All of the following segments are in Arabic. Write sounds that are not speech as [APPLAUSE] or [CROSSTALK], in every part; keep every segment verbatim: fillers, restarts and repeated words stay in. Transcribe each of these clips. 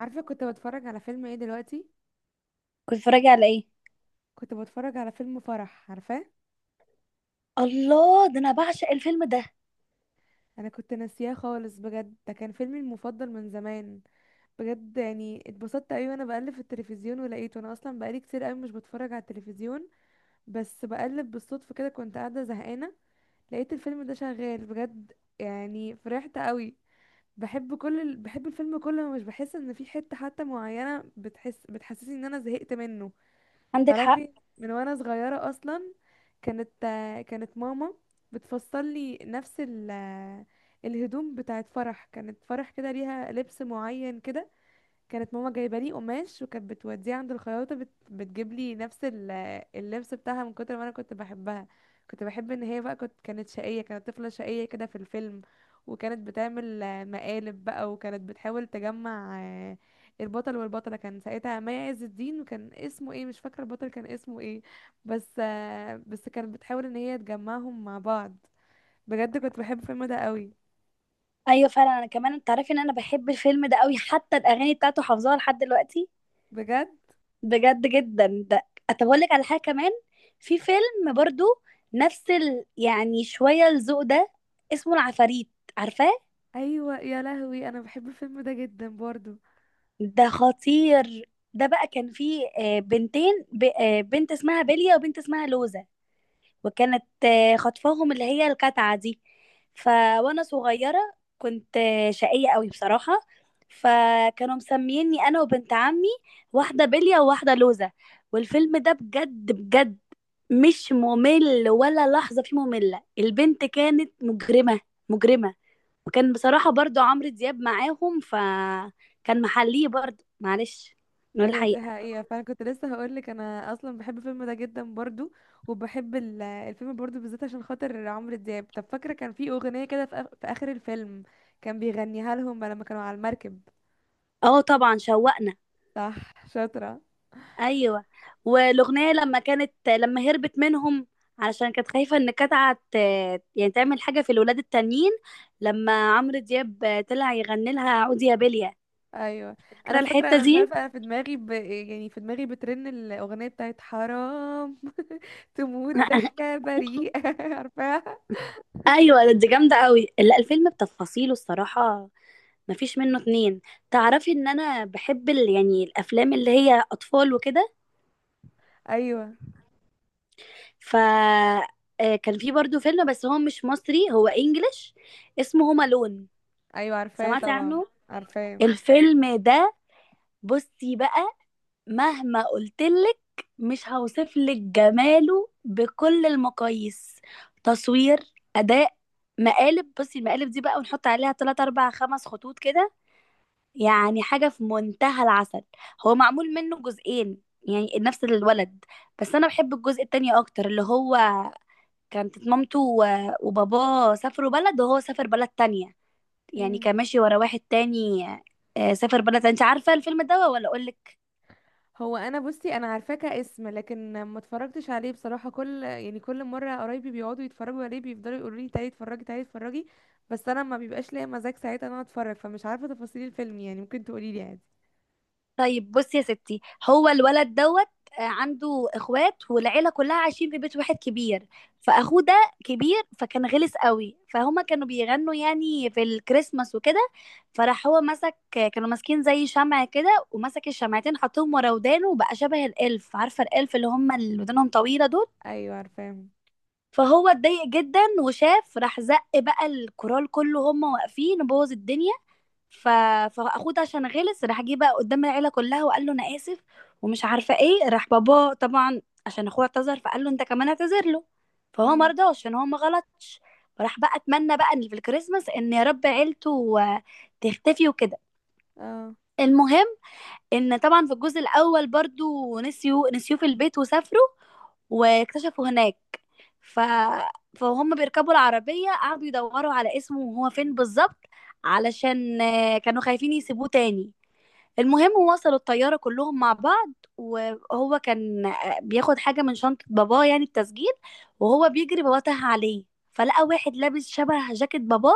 عارفه كنت بتفرج على فيلم ايه دلوقتي؟ كنت بتتفرجي على ايه؟ كنت بتفرج على فيلم فرح، عارفاه. الله، ده انا بعشق الفيلم ده. انا كنت ناسياه خالص، بجد. ده كان فيلمي المفضل من زمان. بجد يعني اتبسطت قوي وانا بقلب في التلفزيون ولقيته. انا اصلا بقالي كتير قوي مش بتفرج على التلفزيون، بس بقلب بالصدفه كده، كنت قاعده زهقانه، لقيت الفيلم ده شغال، بجد يعني فرحت قوي. بحب كل ال... بحب الفيلم كله، مش بحس ان في حته حتى معينه بتحس بتحسسني ان انا زهقت منه. عندك حق. تعرفي، من وانا صغيرة اصلا كانت كانت ماما بتفصل لي نفس ال الهدوم بتاعت فرح. كانت فرح كده ليها لبس معين كده، كانت ماما جايبه لي قماش وكانت بتوديه عند الخياطه بت... بتجيب لي نفس ال- اللبس بتاعها من كتر ما انا كنت بحبها. كنت بحب ان هي بقى كنت كانت شقيه، كانت طفله شقيه كده في الفيلم، وكانت بتعمل آه، مقالب بقى، وكانت بتحاول تجمع آه، البطل والبطله. كان ساعتها مي عز الدين، وكان اسمه ايه مش فاكره، البطل كان اسمه ايه. بس آه، بس كانت بتحاول ان هي تجمعهم مع بعض. بجد كنت بحب الفيلم ده قوي. ايوه فعلا، انا كمان. انت عارفه ان انا بحب الفيلم ده قوي، حتى الاغاني بتاعته حافظاها لحد دلوقتي. بجد. بجد جدا. ده طب اقول لك على حاجه كمان. في فيلم برضو نفس ال... يعني شويه الذوق ده. اسمه العفاريت. عارفاه؟ ايوه يا لهوي، انا بحب الفيلم ده جدا برضو. ده خطير. ده بقى كان فيه آه، بنتين ب... آه، بنت اسمها بيليا وبنت اسمها لوزة. وكانت آه، خطفاهم اللي هي الكتعة دي. ف وانا صغيرة كنت آه، شقية قوي بصراحة. فكانوا مسميني انا وبنت عمي واحدة بلية وواحدة لوزة. والفيلم ده بجد بجد مش ممل ولا لحظة فيه مملة. البنت كانت مجرمة، مجرمة. وكان بصراحة برضو عمرو دياب معاهم، فكان محليه برضو. معلش، نقول ايوه دي الحقيقة. حقيقة، فانا كنت لسه هقولك انا اصلا بحب الفيلم ده جدا برضو. وبحب ال- الفيلم برضو بالذات عشان خاطر عمرو دياب. طب فاكرة كان في اغنية كده في، آخ- في اخر الفيلم كان بيغنيها لهم لما كانوا على المركب؟ اه، طبعا شوقنا. صح، شاطرة. ايوه. والاغنيه لما كانت لما هربت منهم، علشان كانت خايفه ان كتعه ت- يعني تعمل حاجه في الولاد التانيين. لما عمرو دياب طلع يغني لها عودي يا بليا. ايوه، فاكره انا فاكرة. الحته انا مش دي؟ عارفة، انا في دماغي ب... يعني في دماغي بترن الاغنية بتاعت حرام [LAUGHS] تموت [LAUGHS] ضحكة بريئة. [LAUGHS] عارفاها؟ ايوه، دي جامده قوي. لا، الفيلم بتفاصيله الصراحه مفيش منه اتنين. تعرفي ان انا بحب ال... يعني الافلام اللي هي اطفال وكده. ايوه. ف آه، كان في برضو فيلم، بس هو مش مصري، هو انجليش. اسمه هوم الون. ايوه عارفاه سمعتي طبعا. عنه؟ عارفاه. الفيلم ده، بصي بقى، مهما قلتلك، مش هوصفلك جماله بكل المقاييس. تصوير، أداء، مقالب. بصي المقالب دي بقى، ونحط عليها تلات أربع خمس خطوط كده. يعني حاجة في منتهى العسل. هو معمول منه جزئين، يعني نفس الولد. بس أنا بحب الجزء التاني أكتر، اللي هو كانت مامته و- وباباه سافروا بلد وهو سافر بلد تانية. يعني كان ماشي ورا واحد تاني. آه، سافر بلد تانية. انت عارفة الفيلم ده ولا أقولك؟ هو انا بصي، انا عارفاه كاسم لكن ما اتفرجتش عليه بصراحه. كل يعني كل مره قرايبي بيقعدوا يتفرجوا عليه بيفضلوا يقولوا لي تعالي اتفرجي تعالي اتفرجي، بس انا ما بيبقاش ليا مزاج ساعتها ان انا اتفرج، فمش عارفه تفاصيل الفيلم. يعني ممكن تقولي لي عادي. طيب، بصي يا ستي. هو الولد دوت آه، عنده اخوات والعيله كلها عايشين في بيت واحد كبير. فاخوه ده كبير، فكان غلس قوي. فهما كانوا بيغنوا يعني في الكريسماس وكده، فراح هو مسك، كانوا ماسكين زي شمع كده، ومسك الشمعتين حطهم ورا ودانه، وبقى شبه الالف. عارفه الالف اللي هم اللي ودانهم طويله دول؟ ايوه عارفاهم. فهو اتضايق جدا، وشاف راح زق بقى الكورال كله، هما واقفين، وبوظ الدنيا. ف... فاخوه ده عشان غلس، راح جه بقى قدام العيله كلها وقال له انا اسف، ومش عارفه ايه. راح باباه طبعا عشان اخوه اعتذر، فقال له انت كمان اعتذر له. فهو ما امم. رضاش عشان هو ما غلطش. فراح بقى اتمنى بقى ان في الكريسماس ان يا رب عيلته آه، تختفي وكده. اه. المهم، ان طبعا في الجزء الاول برضو نسيوا نسيوه في البيت وسافروا، واكتشفوا هناك. ف... فهم بيركبوا العربية، قعدوا يدوروا على اسمه وهو فين بالظبط، علشان آه، كانوا خايفين يسيبوه تاني. المهم، وصلوا الطيارة كلهم مع بعض، وهو كان بياخد حاجة من شنطة باباه، يعني التسجيل، وهو بيجري باباه تاه عليه. فلقى واحد لابس شبه جاكيت باباه،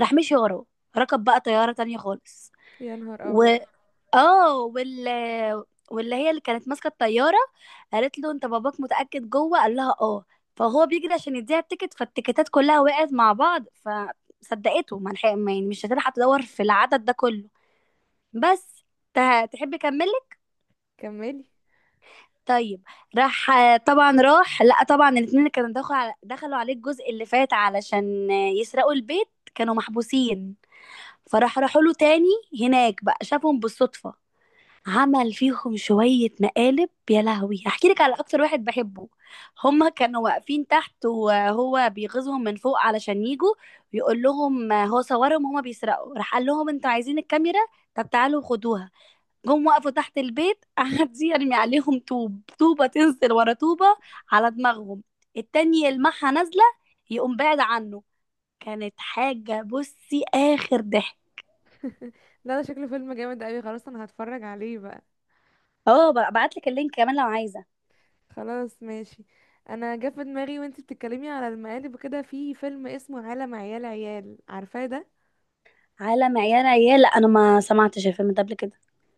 راح مشي وراه، ركب بقى طيارة تانية خالص. يا نهار و ابيض. اه وال واللي هي اللي كانت ماسكة الطيارة قالت له انت باباك متأكد جوه؟ قال لها اه. فهو بيجري عشان يديها التيكت، فالتيكتات كلها وقعت مع بعض فصدقته، ما لحق- ما- يعني مش هتلحق تدور في العدد ده كله. بس، ت- تحب اكمل؟ كملي. طيب. راح آه، طبعا راح. لا، طبعا الاتنين كانوا دخلوا على... دخلوا عليه الجزء اللي فات علشان آه، يسرقوا البيت. كانوا محبوسين، فراح راحوا له تاني. هناك بقى شافهم بالصدفة، عمل فيهم شوية مقالب. يا لهوي، هحكي لك على أكتر واحد بحبه. هما كانوا واقفين تحت وهو بيغيظهم من فوق علشان يجوا يقول لهم آه، هو صورهم هما بيسرقوا. راح قال لهم انتوا عايزين الكاميرا؟ طب تعالوا خدوها. جم وقفوا تحت البيت، قعد يرمي عليهم طوب. طوبة تنزل ورا طوبة على دماغهم، التاني يلمحها نازلة يقوم بعد عنه. كانت حاجة بصي آخر ضحك. لا ده شكله فيلم جامد قوي، خلاص انا هتفرج عليه بقى. اه، ببعت لك اللينك كمان لو عايزة. خلاص ماشي. انا جه في دماغي وانتي بتتكلمي على المقالب كده، في فيلم اسمه عالم عيال عيال، عارفاه ده؟ عالم عيال عيال؟ لا، انا ما سمعتش الفيلم ده قبل كده.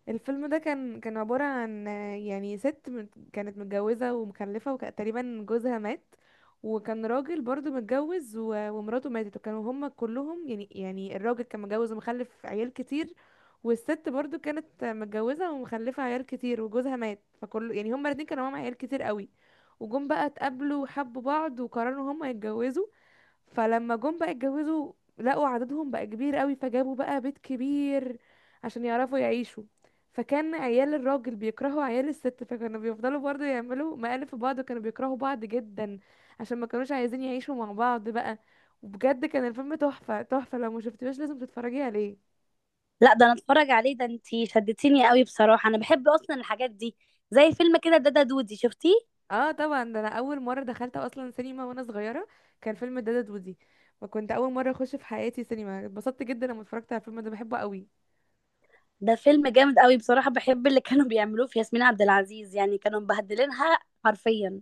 الفيلم ده كان كان عبارة عن آه، يعني ست مت- كانت متجوزة ومخلفة، وتقريبا جوزها مات. وكان راجل برضو متجوز و- ومراته ماتت، وكانوا هما كلهم يعني يعني الراجل كان متجوز ومخلف عيال كتير، والست برضو كانت متجوزة ومخلفة عيال كتير وجوزها مات، فكل يعني هما الاتنين كانوا معاهم عيال كتير قوي. وجم بقى اتقابلوا وحبوا بعض وقرروا هما يتجوزوا. فلما جم بقى اتجوزوا لقوا عددهم بقى كبير قوي، فجابوا بقى بيت كبير عشان يعرفوا يعيشوا. فكان عيال الراجل بيكرهوا عيال الست، فكانوا بيفضلوا برضه يعملوا مقالب في بعض، وكانوا بيكرهوا بعض جدا عشان ما كانوش عايزين يعيشوا مع بعض بقى. وبجد كان الفيلم تحفة تحفة، لو ما شفتيهوش لازم تتفرجي عليه. لا، ده انا اتفرج عليه. ده انتي شدتيني قوي بصراحة، انا بحب اصلا الحاجات دي. زي فيلم كده دادا دودي، شفتيه؟ اه طبعا، ده انا اول مرة دخلت اصلا سينما وانا صغيرة كان فيلم دادا دودي، وكنت اول مرة اخش في حياتي سينما، اتبسطت جدا لما اتفرجت على الفيلم ده، بحبه قوي. ده فيلم جامد قوي بصراحة. بحب اللي كانوا بيعملوه في ياسمين عبد العزيز، يعني كانوا مبهدلينها حرفيا.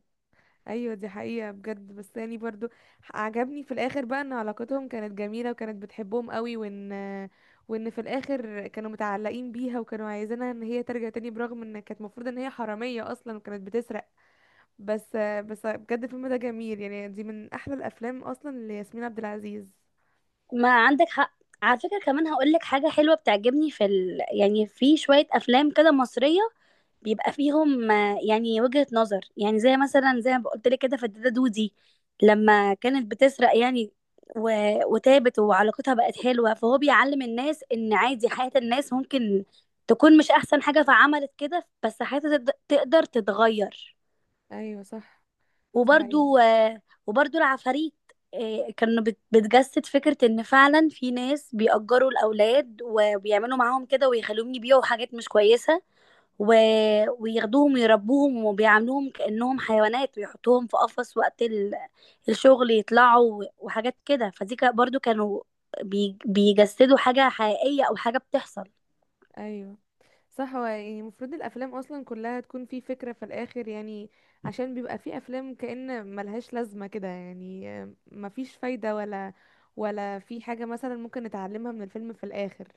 ايوه دي حقيقة بجد، بس يعني برضو عجبني في الاخر بقى ان علاقتهم كانت جميلة وكانت بتحبهم قوي، وان وان في الاخر كانوا متعلقين بيها وكانوا عايزينها ان هي ترجع تاني، برغم ان كانت المفروض ان هي حرامية اصلا وكانت بتسرق. بس بس بجد الفيلم ده جميل، يعني دي من احلى الافلام اصلا لياسمين عبد العزيز. ما عندك حق. على فكرة كمان هقول لك حاجة حلوة بتعجبني في ال... يعني في شوية أفلام كده مصرية، بيبقى فيهم آه، يعني وجهة نظر. يعني زي مثلا زي ما قلت لك كده فتاة دودي، لما كانت بتسرق يعني، و... وتابت وعلاقتها بقت حلوة، فهو بيعلم الناس إن عادي، حياة الناس ممكن تكون مش أحسن حاجة فعملت كده، بس حياتها تقد- تقدر تتغير. ايوه صح. دي حقيقة. وبرضو آه، وبرضو العفاريت، آه، كانوا بت- بتجسد فكرة ان فعلا في ناس بيأجروا الأولاد وبيعملوا معاهم كده ويخلوهم يبيعوا حاجات مش كويسة، و... وياخدوهم ويربوهم وبيعاملوهم كأنهم حيوانات، ويحطوهم في قفص وقت ال... الشغل يطلعوا، و- وحاجات كده. فدي كا- برضو كانوا بي... بيجسدوا حاجة حقيقية أو حاجة بتحصل. ايوه صح. هو يعني المفروض الافلام اصلا كلها تكون في فكره في الاخر، يعني عشان بيبقى في افلام كأن ملهاش لازمه كده، يعني مفيش فايده، ولا ولا في حاجه مثلا ممكن نتعلمها من الفيلم في الاخر.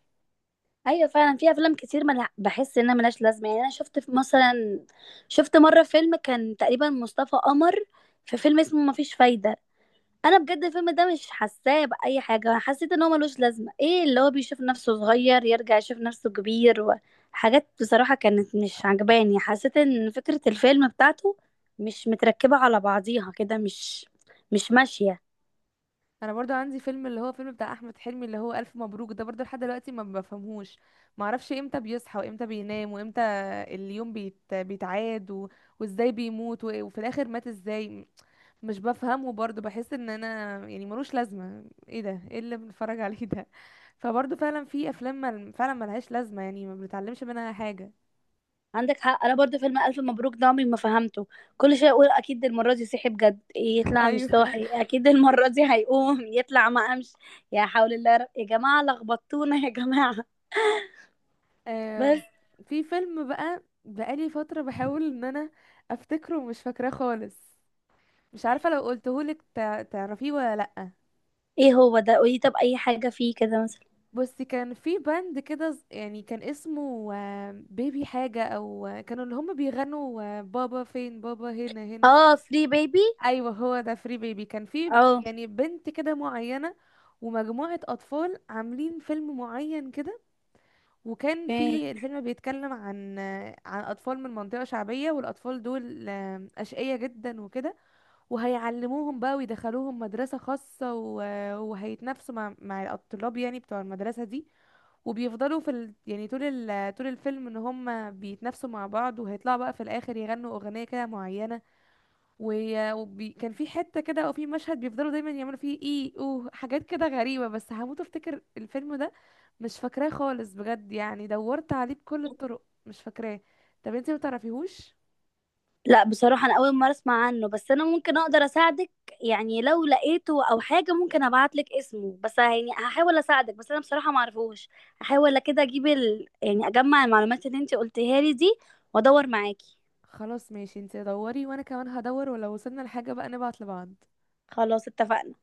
ايوه فعلا، في افلام كتير ملع... بحس انها ملهاش لازمه. يعني انا شفت في- مثلا شفت مره فيلم كان تقريبا مصطفى قمر، في فيلم اسمه مفيش فايده. انا بجد الفيلم ده مش حاساه باي حاجه، انا حسيت ان هو ملوش لازمه. ايه اللي هو بيشوف نفسه صغير يرجع يشوف نفسه كبير؟ وحاجات بصراحه كانت مش عجباني. حسيت ان فكره الفيلم بتاعته مش متركبه على بعضيها كده، مش مش ماشيه. انا برضو عندي فيلم، اللي هو فيلم بتاع احمد حلمي اللي هو الف مبروك، ده برضو لحد دلوقتي ما بفهمهوش، ما اعرفش امتى بيصحى وامتى بينام وامتى اليوم بيت... بيتعاد، و... وازاي بيموت، و... وفي الاخر مات ازاي. مش بفهمه برضه، بحس ان انا يعني ملوش لازمه. ايه ده؟ ايه اللي بنتفرج عليه ده. فبرضه فعلا في افلام مل... فعلا ملهاش لازمه، يعني ما بنتعلمش منها حاجه. عندك حق. انا برضو فيلم الف مبروك ده عمري ما فهمته. كل شويه اقول اكيد المره دي صحي بجد، [LAUGHS] يطلع مش ايوه. صاحي. اكيد المره دي هيقوم [LAUGHS] يطلع ما قامش. يا حول الله يا رب. يا جماعه لخبطتونا يا جماعه. آه. بس. في فيلم بقى بقالي فتره بحاول ان انا افتكره ومش فاكراه خالص. مش عارفه لو قلتهولك تع- تعرفيه ولا لا. ايه هو ده، قولي. طب اي حاجه فيه كده مثلا. بس كان في باند كده ز- يعني كان اسمه آه، بيبي حاجه او آه، كانوا اللي هم بيغنوا آه، بابا فين بابا هنا هنا. اه، فري بيبي. ايوه هو ده فري بيبي. كان في اه. يعني بنت كده معينه، ومجموعه اطفال عاملين فيلم معين كده. وكان في اوكي. الفيلم بيتكلم عن عن اطفال من منطقه شعبيه، والاطفال دول آم، اشقياء جدا وكده، وهيعلموهم بقى ويدخلوهم مدرسه خاصه و- وهيتنافسوا مع مع الطلاب يعني بتوع المدرسه دي. وبيفضلوا في ال... يعني طول ال... طول الفيلم ان هم بيتنافسوا مع بعض، وهيطلعوا بقى في الاخر يغنوا اغنيه كده معينه. وكان في حتة كده او في مشهد بيفضلوا دايما يعملوا فيه ايه، اوه، حاجات كده غريبة. بس هموت افتكر الفيلم ده، مش فاكراه خالص بجد، يعني دورت عليه بكل الطرق مش فاكراه. طب انتي متعرفيهوش؟ لا بصراحة، أنا أول مرة أسمع عنه. بس أنا ممكن أقدر أساعدك. يعني لو لقيته أو حاجة ممكن أبعتلك اسمه. بس يعني هحاول أساعدك، بس أنا بصراحة معرفوش. هحاول كده أجيب ال... يعني أجمع المعلومات اللي أنت قلتيها لي دي، وأدور معاكي. خلاص ماشي، انتي دوري وانا كمان هدور، ولو وصلنا لحاجة بقى نبعت لبعض. خلاص اتفقنا.